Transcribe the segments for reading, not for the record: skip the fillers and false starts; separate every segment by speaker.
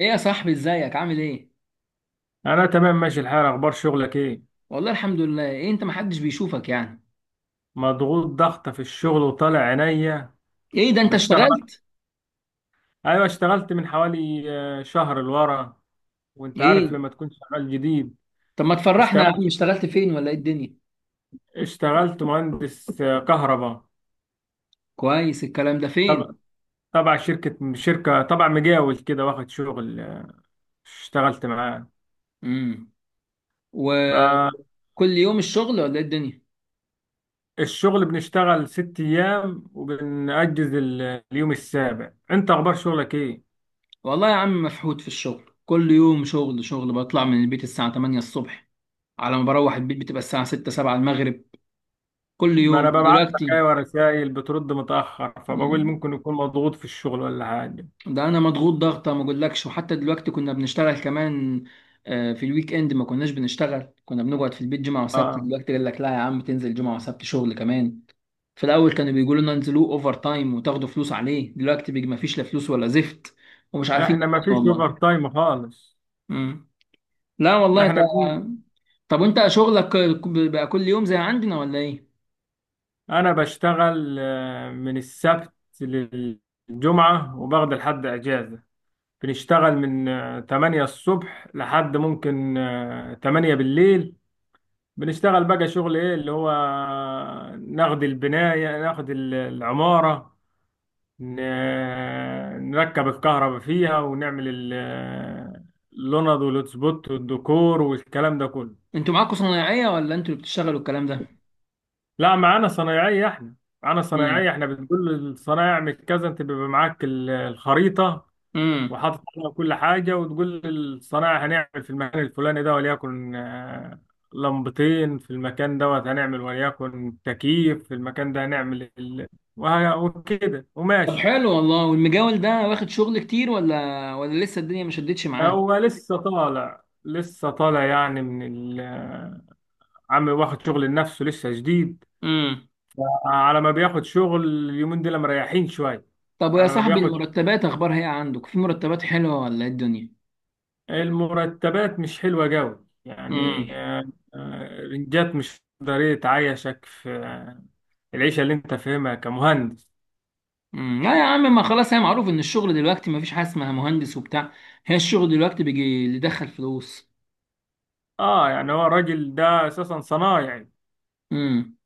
Speaker 1: ايه يا صاحبي، ازيك؟ عامل ايه؟
Speaker 2: انا تمام، ماشي الحال. اخبار شغلك ايه؟
Speaker 1: والله الحمد لله. ايه، انت محدش بيشوفك يعني؟
Speaker 2: مضغوط ضغطه في الشغل وطالع عينيا.
Speaker 1: ايه ده، انت
Speaker 2: بشتغل.
Speaker 1: اشتغلت؟
Speaker 2: ايوه اشتغلت من حوالي شهر لورا. وانت عارف
Speaker 1: ايه
Speaker 2: لما تكون شغال جديد.
Speaker 1: طب ما تفرحنا يا عم،
Speaker 2: اشتغلت
Speaker 1: اشتغلت فين ولا ايه الدنيا؟
Speaker 2: اشتغلت مهندس كهرباء.
Speaker 1: كويس. الكلام ده
Speaker 2: تبع
Speaker 1: فين؟
Speaker 2: تبع شركه تبع مجاول كده واخد شغل. اشتغلت معاه.
Speaker 1: امم وكل يوم الشغل ولا ايه الدنيا؟
Speaker 2: فالشغل بنشتغل ست ايام وبنأجز اليوم السابع. انت اخبار شغلك ايه؟
Speaker 1: والله يا عم مفحوط في الشغل، كل يوم شغل شغل، بطلع من البيت الساعة 8 الصبح، على ما بروح البيت بتبقى الساعة 6 7 المغرب، كل
Speaker 2: ما
Speaker 1: يوم.
Speaker 2: انا ببعت لك،
Speaker 1: ودلوقتي
Speaker 2: ايوه، رسائل بترد متاخر فبقول
Speaker 1: مم.
Speaker 2: ممكن يكون مضغوط في الشغل ولا حاجه.
Speaker 1: ده انا مضغوط ضغطه ما اقولكش، وحتى دلوقتي كنا بنشتغل كمان. في الويك اند ما كناش بنشتغل، كنا بنقعد في البيت جمعه وسبت.
Speaker 2: اه.
Speaker 1: دلوقتي قال لك لا يا عم، تنزل جمعه وسبت شغل كمان. في الاول كانوا بيقولوا لنا انزلوه اوفر تايم وتاخدوا فلوس عليه، دلوقتي بيجي ما فيش لا فلوس ولا زفت. ومش عارفين
Speaker 2: احنا
Speaker 1: نعمل
Speaker 2: ما
Speaker 1: ايه
Speaker 2: فيش
Speaker 1: والله.
Speaker 2: اوفر تايم خالص.
Speaker 1: مم. لا والله انت.
Speaker 2: احنا بن...
Speaker 1: طب وانت شغلك بقى كل يوم زي عندنا ولا ايه؟
Speaker 2: انا بشتغل من السبت للجمعه، وباخد لحد اجازه. بنشتغل من 8 الصبح لحد ممكن 8 بالليل. بنشتغل بقى شغل ايه اللي هو، ناخد البنايه، ناخد العماره. ن- نركب الكهرباء فيها، ونعمل اللوند والهوتسبوت والديكور والكلام ده كله.
Speaker 1: انتوا معاكم صنايعيه ولا انتوا اللي بتشتغلوا الكلام ده؟
Speaker 2: لا، معانا صنايعية احنا. معانا صنايعية، احنا بنقول للصنايعي اعمل كذا. انت بيبقى معاك الخريطة
Speaker 1: امم
Speaker 2: وحاطط عليها كل حاجة. وتقول للصنايعي هنعمل في المكان الفلاني ده، وليكن لمبتين في المكان دوت هنعمل، وليكن تكييف في المكان ده هنعمل وكده،
Speaker 1: طب
Speaker 2: وماشي.
Speaker 1: حلو والله. والمجاول ده واخد شغل كتير ولا لسه الدنيا ما شدتش معاه؟
Speaker 2: هو لسه طالع، يعني من ال عم، واخد شغل لنفسه لسه جديد.
Speaker 1: امم
Speaker 2: على ما بياخد شغل، اليومين دول مريحين شوية.
Speaker 1: طب ويا
Speaker 2: على ما
Speaker 1: صاحبي،
Speaker 2: بياخد،
Speaker 1: المرتبات اخبارها ايه؟ عندك في مرتبات حلوه ولا ايه الدنيا؟
Speaker 2: المرتبات مش حلوة جوي يعني
Speaker 1: امم
Speaker 2: آه، رنجات مش قادر يتعايشك في العيشة اللي انت فاهمها كمهندس.
Speaker 1: لا يا عم، ما خلاص، هي معروف ان الشغل دلوقتي ما فيش حاجه اسمها مهندس وبتاع. هي الشغل دلوقتي بيجي اللي يدخل فلوس.
Speaker 2: اه، يعني هو الراجل ده اساسا صنايعي.
Speaker 1: امم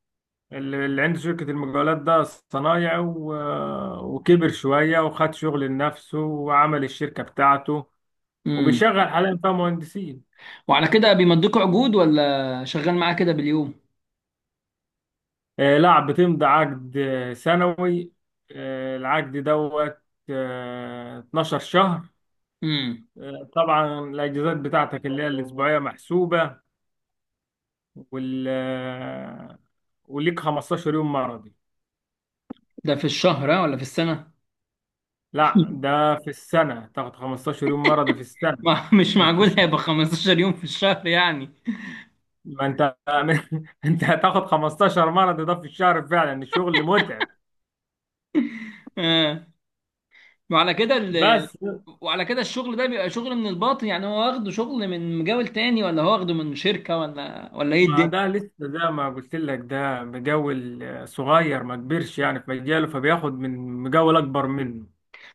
Speaker 2: اللي عنده شركة المقاولات ده صنايعي، وكبر شوية وخد شغل لنفسه وعمل الشركة بتاعته.
Speaker 1: امم
Speaker 2: وبيشغل حاليا فيها مهندسين.
Speaker 1: وعلى كده بيمضيكوا عقود ولا شغال معاه كده باليوم؟
Speaker 2: لا، بتمضي عقد سنوي. العقد دوت 12 شهر.
Speaker 1: امم
Speaker 2: طبعا الاجازات بتاعتك اللي هي الاسبوعيه محسوبه، وال آه، وليك 15 يوم مرضي.
Speaker 1: ده في الشهر ها ولا في السنه؟
Speaker 2: لا، ده في السنه. تاخد 15 يوم مرضي في السنه.
Speaker 1: ما مش
Speaker 2: مش في
Speaker 1: معقول هيبقى
Speaker 2: الشهر.
Speaker 1: 15 يوم في الشهر يعني.
Speaker 2: ما انت انت هتاخد 15 مرضي ده في الشهر؟ فعلا الشغل متعب.
Speaker 1: آه. وعلى كده
Speaker 2: بس.
Speaker 1: وعلى كده الشغل ده بيبقى شغل من الباطن يعني، هو واخده شغل من مجال تاني ولا هو واخده من شركة ولا ايه
Speaker 2: ما ده
Speaker 1: الدنيا؟
Speaker 2: لسه زي ما قلت لك، ده مجاول صغير، ما كبرش يعني في مجاله، فبياخد من مجاول اكبر منه.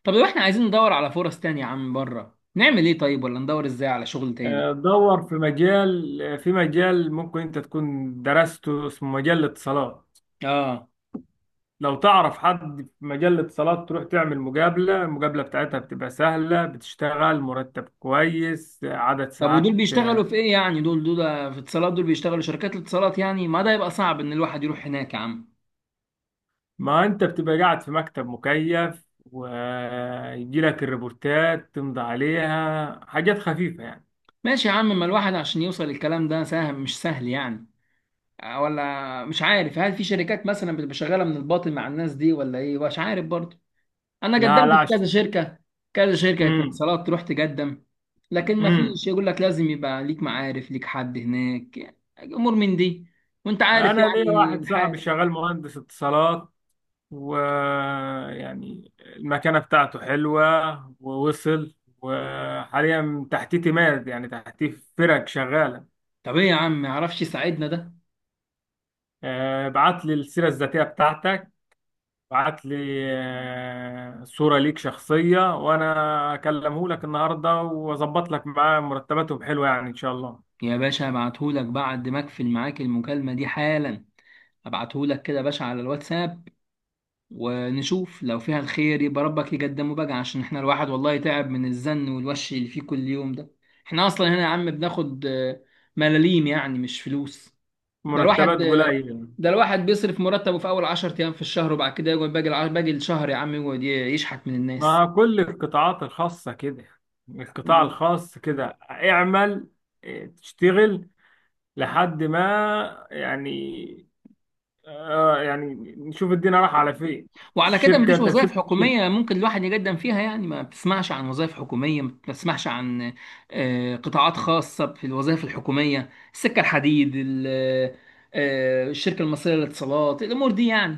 Speaker 1: طب لو احنا عايزين ندور على فرص تانية يا عم بره، نعمل ايه طيب، ولا ندور ازاي على شغل تاني؟
Speaker 2: دور في مجال. ممكن انت تكون درسته، اسمه مجال الاتصالات.
Speaker 1: اه.
Speaker 2: لو تعرف حد في مجال الاتصالات تروح تعمل المقابلة بتاعتها بتبقى سهلة، بتشتغل مرتب كويس، عدد
Speaker 1: طب ودول
Speaker 2: ساعات
Speaker 1: بيشتغلوا
Speaker 2: آه،
Speaker 1: في ايه يعني؟ دول في اتصالات، دول بيشتغلوا شركات الاتصالات يعني، ما ده يبقى صعب ان الواحد يروح هناك يا عم.
Speaker 2: ما انت بتبقى قاعد في مكتب مكيف، ويجي لك الريبورتات تمضي عليها، حاجات خفيفة يعني.
Speaker 1: ماشي يا عم، ما الواحد عشان يوصل الكلام ده سهل مش سهل يعني. ولا مش عارف، هل في شركات مثلا بتبقى شغالة من الباطن مع الناس دي ولا ايه، مش عارف برضه. انا
Speaker 2: لا،
Speaker 1: قدمت
Speaker 2: لا.
Speaker 1: في كذا شركه، كذا شركه
Speaker 2: امم
Speaker 1: اتصالات تروح تقدم، لكن ما
Speaker 2: امم
Speaker 1: فيش، يقول لك لازم يبقى ليك معارف، ليك حد هناك يعني، امور من دي. وانت عارف
Speaker 2: انا ليا
Speaker 1: يعني
Speaker 2: واحد
Speaker 1: الحال.
Speaker 2: صاحبي شغال مهندس اتصالات، ويعني المكانه بتاعته حلوه. ووصل. وحاليا تحتيه تيمات، يعني تحتيه فرق شغاله.
Speaker 1: طب ايه يا عم، ما يعرفش يساعدنا ده؟
Speaker 2: بعت لي السيره الذاتيه بتاعتك. بعت لي صوره ليك شخصيه، وانا اكلمه لك النهارده واظبط لك معاه. مرتباتهم حلوه يعني ان شاء الله.
Speaker 1: يا باشا هبعتهولك بعد ما اقفل معاك المكالمه دي حالا، هبعتهولك كده يا باشا على الواتساب، ونشوف لو فيها الخير يبقى ربك يقدمه بقى. عشان احنا الواحد والله تعب من الزن والوش اللي فيه كل يوم ده. احنا اصلا هنا يا عم بناخد ملاليم يعني، مش فلوس. ده الواحد
Speaker 2: مرتبات قليله
Speaker 1: ده الواحد بيصرف مرتبه في اول 10 ايام في الشهر، وبعد كده يقعد باقي باقي الشهر يا عم، يقعد يشحت من الناس.
Speaker 2: مع كل القطاعات الخاصة كده. القطاع
Speaker 1: مم.
Speaker 2: الخاص كده اعمل. اه، تشتغل لحد ما يعني يعني نشوف الدنيا رايحة على فين.
Speaker 1: وعلى كده
Speaker 2: الشركة،
Speaker 1: مفيش
Speaker 2: انت
Speaker 1: وظائف
Speaker 2: مشيت في الشركة.
Speaker 1: حكومية ممكن الواحد يقدم فيها يعني؟ ما بتسمعش عن وظائف حكومية، ما بتسمعش عن قطاعات خاصة في الوظائف الحكومية. السكة الحديد الشركة المصرية للاتصالات، الأمور دي يعني.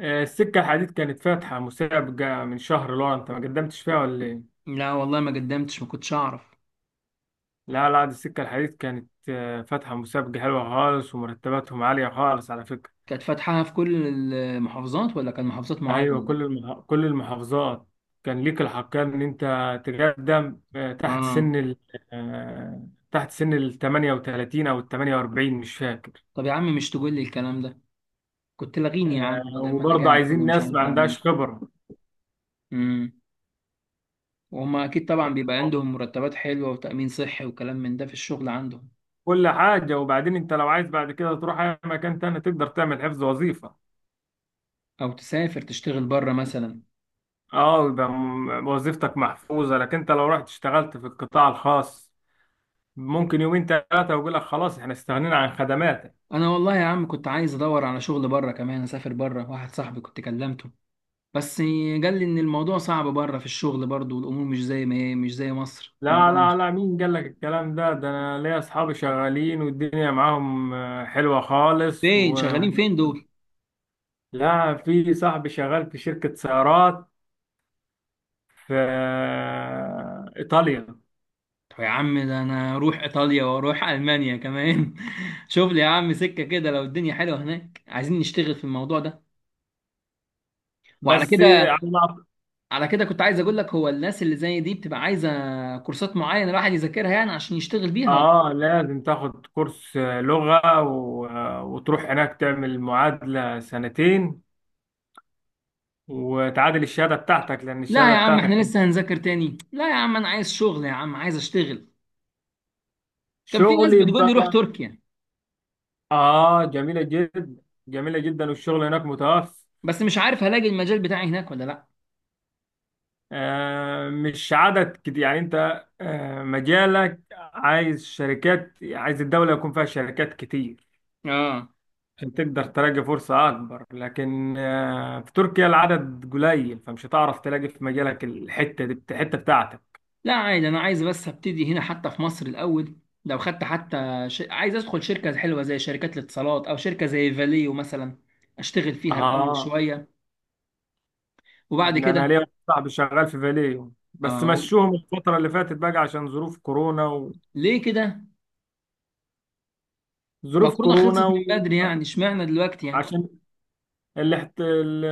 Speaker 2: السكة الحديد كانت فاتحة مسابقة من شهر لورا، انت ما قدمتش فيها ولا ايه؟
Speaker 1: لا والله ما قدمتش، ما كنتش أعرف.
Speaker 2: لا لا، دي السكة الحديد كانت فاتحة مسابقة حلوة خالص، ومرتباتهم عالية خالص على فكرة.
Speaker 1: كانت فاتحاها في كل المحافظات ولا كان محافظات
Speaker 2: ايوه
Speaker 1: معينة؟
Speaker 2: كل كل المحافظات. كان ليك الحقية ان انت تقدم تحت
Speaker 1: آه.
Speaker 2: سن تحت سن ال 38 او ال 48، مش فاكر.
Speaker 1: طب يا عم مش تقول لي الكلام ده؟ كنت لغيني يا عم بدل ما انا
Speaker 2: وبرضه
Speaker 1: قاعد كده
Speaker 2: عايزين
Speaker 1: مش
Speaker 2: ناس
Speaker 1: عارف
Speaker 2: ما
Speaker 1: اعمل ايه.
Speaker 2: عندهاش خبرة.
Speaker 1: امم وهما اكيد طبعا
Speaker 2: يعني
Speaker 1: بيبقى عندهم مرتبات حلوه وتامين صحي وكلام من ده في الشغل عندهم.
Speaker 2: كل حاجة. وبعدين انت لو عايز بعد كده تروح اي مكان تاني تقدر تعمل حفظ وظيفة.
Speaker 1: او تسافر تشتغل بره مثلا.
Speaker 2: اه يبقى وظيفتك محفوظة. لكن انت لو رحت اشتغلت في القطاع الخاص، ممكن يومين ثلاثة ويقول لك خلاص احنا استغنينا عن خدماتك.
Speaker 1: انا والله يا عم كنت عايز ادور على شغل بره كمان، اسافر بره. واحد صاحبي كنت كلمته، بس قال لي ان الموضوع صعب بره في الشغل برضه، والامور مش زي ما هي، مش زي مصر
Speaker 2: لا
Speaker 1: الموضوع
Speaker 2: لا
Speaker 1: مش.
Speaker 2: لا، مين قال لك الكلام ده؟ ده انا ليا اصحابي شغالين والدنيا معاهم حلوة خالص
Speaker 1: فين
Speaker 2: و...
Speaker 1: شغالين، فين دول؟
Speaker 2: لا، في صاحبي شغال في شركة سيارات في ايطاليا.
Speaker 1: طب يا عم ده انا اروح ايطاليا واروح المانيا كمان. شوف لي يا عم سكه كده، لو الدنيا حلوه هناك عايزين نشتغل في الموضوع ده. وعلى
Speaker 2: بس
Speaker 1: كده
Speaker 2: على-
Speaker 1: على كده كنت عايز اقول لك، هو الناس اللي زي دي بتبقى عايزه كورسات معينه الواحد يذاكرها يعني عشان يشتغل بيها ولا؟
Speaker 2: اه، لازم تاخد كورس لغة وتروح هناك تعمل معادلة سنتين، وتعادل الشهادة بتاعتك لان
Speaker 1: لا
Speaker 2: الشهادة
Speaker 1: يا عم احنا
Speaker 2: بتاعتك
Speaker 1: لسه هنذاكر تاني؟ لا يا عم انا عايز شغل يا عم، عايز اشتغل. كان في
Speaker 2: شغل
Speaker 1: ناس بتقول لي
Speaker 2: يبقى.
Speaker 1: روح تركيا،
Speaker 2: اه، جميلة جدا. جميلة جدا، والشغل هناك متوفر.
Speaker 1: بس مش عارف هلاقي المجال بتاعي هناك ولا لا.
Speaker 2: مش عدد كتير يعني. انت مجالك عايز شركات، عايز الدولة يكون فيها شركات كتير
Speaker 1: اه.
Speaker 2: عشان تقدر تلاقي فرصة أكبر. لكن في تركيا العدد قليل، فمش هتعرف تلاقي في مجالك، الحتة دي الحتة بتاعتك.
Speaker 1: لا عادي، انا عايز بس ابتدي هنا حتى في مصر الاول، لو خدت حتى عايز ادخل شركه حلوه زي شركات الاتصالات او شركه زي فاليو مثلا، اشتغل فيها الاول
Speaker 2: اه.
Speaker 1: شويه وبعد
Speaker 2: إن أنا
Speaker 1: كده.
Speaker 2: ليا واحد صاحبي شغال في فاليو، بس
Speaker 1: اه.
Speaker 2: مشوهم الفترة اللي فاتت بقى عشان ظروف كورونا.
Speaker 1: ليه كده؟ ما
Speaker 2: وظروف
Speaker 1: كورونا
Speaker 2: كورونا
Speaker 1: خلصت من بدري يعني، اشمعنى دلوقتي يعني؟
Speaker 2: وعشان الاحت... ال-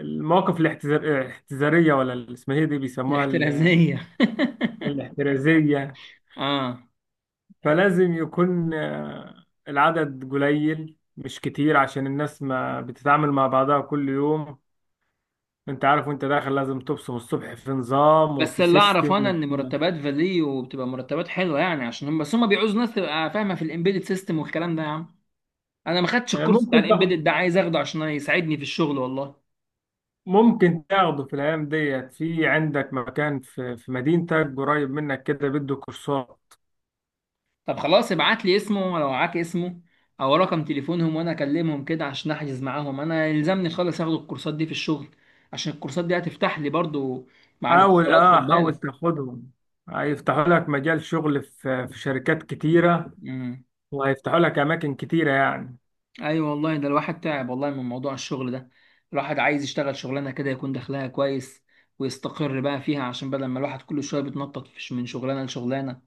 Speaker 2: المواقف الاحتزارية، ولا اللي اسمها ايه، دي بيسموها
Speaker 1: الاحترازية.
Speaker 2: الاحترازية.
Speaker 1: اه.
Speaker 2: فلازم يكون العدد قليل مش كتير، عشان الناس ما بتتعامل مع بعضها كل يوم. انت عارف وانت داخل لازم تبصم الصبح في نظام
Speaker 1: بس
Speaker 2: وفي
Speaker 1: اللي اعرف انا
Speaker 2: سيستم.
Speaker 1: ان مرتبات فاليو بتبقى مرتبات حلوه يعني، عشان هم بس هم بيعوزوا ناس تبقى فاهمه في الامبيدد سيستم والكلام ده يا عم. انا ما خدتش
Speaker 2: آه،
Speaker 1: الكورس بتاع
Speaker 2: ممكن تاخد
Speaker 1: الامبيدد ده، عايز اخده عشان يساعدني في الشغل والله.
Speaker 2: ممكن تاخده في الايام ديت. في عندك مكان في مدينتك قريب منك كده بيدوا كورسات.
Speaker 1: طب خلاص ابعت لي اسمه لو معاك اسمه، او رقم تليفونهم وانا اكلمهم كده عشان احجز معاهم. انا يلزمني خالص اخد الكورسات دي في الشغل، عشان الكورسات دي هتفتح لي برضو مع
Speaker 2: حاول،
Speaker 1: الاتصالات خد
Speaker 2: حاول
Speaker 1: بالك.
Speaker 2: تاخدهم. هيفتحوا لك مجال شغل في شركات كتيرة،
Speaker 1: مم.
Speaker 2: وهيفتحوا لك اماكن كتيرة يعني.
Speaker 1: ايوه والله، ده الواحد تعب والله من موضوع الشغل ده. الواحد عايز يشتغل شغلانه كده يكون دخلها كويس، ويستقر بقى فيها، عشان بدل ما الواحد كل شويه بيتنطط من شغلانه لشغلانه،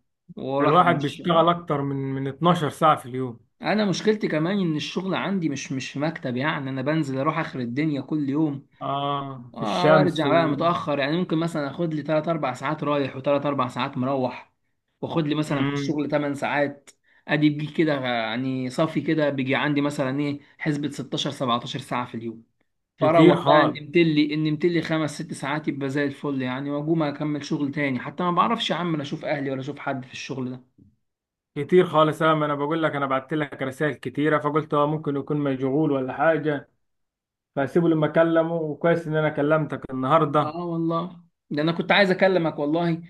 Speaker 2: ده
Speaker 1: والواحد
Speaker 2: الواحد
Speaker 1: مش.
Speaker 2: بيشتغل اكتر من 12 ساعة في اليوم.
Speaker 1: انا مشكلتي كمان ان الشغل عندي مش في مكتب يعني، انا بنزل اروح اخر الدنيا كل يوم.
Speaker 2: اه، في الشمس
Speaker 1: وارجع بقى
Speaker 2: و...
Speaker 1: متاخر يعني، ممكن مثلا اخد لي 3 4 ساعات رايح و3 4 ساعات مروح، واخد لي مثلا في
Speaker 2: مم.
Speaker 1: الشغل 8 ساعات. ادي بيجي كده يعني صافي، كده بيجي عندي مثلا ايه، حسبة 16 17 ساعه في اليوم.
Speaker 2: كتير
Speaker 1: فاروح بقى
Speaker 2: خالص.
Speaker 1: نمت لي ان نمت لي 5 6 ساعات يبقى زي الفل يعني، واقوم اكمل شغل تاني. حتى ما بعرفش يا عم لا اشوف اهلي ولا اشوف حد في الشغل ده.
Speaker 2: كتير خالص، ما انا بقول لك، انا بعت لك رسائل كتيرة فقلت هو ممكن يكون مشغول ولا حاجة، فاسيبه لما اكلمه. وكويس ان انا كلمتك
Speaker 1: اه
Speaker 2: النهاردة.
Speaker 1: والله. ده انا كنت عايز اكلمك والله،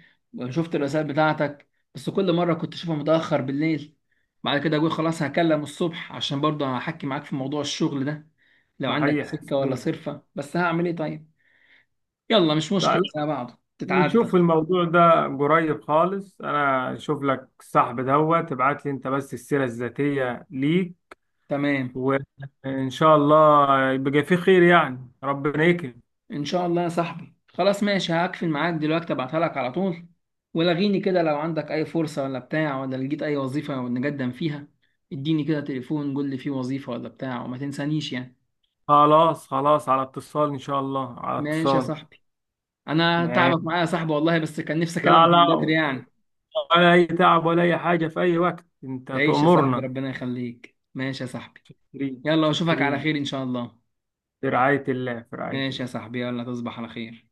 Speaker 1: شفت الرسائل بتاعتك، بس كل مره كنت اشوفها متاخر بالليل، بعد كده اقول خلاص هكلم الصبح، عشان برضه هحكي معاك في موضوع الشغل ده، لو عندك
Speaker 2: صحيح
Speaker 1: سكه ولا
Speaker 2: صحيح.
Speaker 1: صرفه، بس هعمل ايه طيب. يلا مش مشكله، زي بعض تتعدى.
Speaker 2: نشوف الموضوع ده قريب خالص. انا اشوف لك الصاحب دوت، تبعت لي انت بس السيرة الذاتية ليك،
Speaker 1: تمام.
Speaker 2: وان شاء الله يبقى في خير يعني، ربنا يكرم.
Speaker 1: ان شاء الله يا صاحبي. خلاص ماشي، هقفل معاك دلوقتي ابعتها لك على طول. ولغيني كده لو عندك اي فرصة ولا بتاع، ولا لقيت اي وظيفة نقدم فيها اديني كده تليفون، قول لي في وظيفة ولا بتاع، وما تنسانيش يعني.
Speaker 2: خلاص خلاص، على اتصال ان شاء الله، على
Speaker 1: ماشي يا
Speaker 2: اتصال.
Speaker 1: صاحبي. انا
Speaker 2: معاك.
Speaker 1: تعبك معايا يا صاحبي والله، بس كان نفسي
Speaker 2: لا
Speaker 1: اكلمك
Speaker 2: لا،
Speaker 1: من بدري يعني.
Speaker 2: ولا اي تعب ولا اي حاجة، في اي وقت انت
Speaker 1: تعيش يا صاحبي
Speaker 2: تؤمرنا.
Speaker 1: ربنا يخليك. ماشي يا صاحبي،
Speaker 2: شكرين
Speaker 1: يلا واشوفك على
Speaker 2: شكرين.
Speaker 1: خير ان شاء الله.
Speaker 2: في رعاية الله، في رعاية
Speaker 1: ماشي يا
Speaker 2: الله.
Speaker 1: صاحبي، يلا تصبح على خير.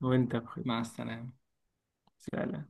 Speaker 2: وانت بخير.
Speaker 1: مع السلامة.
Speaker 2: سلام.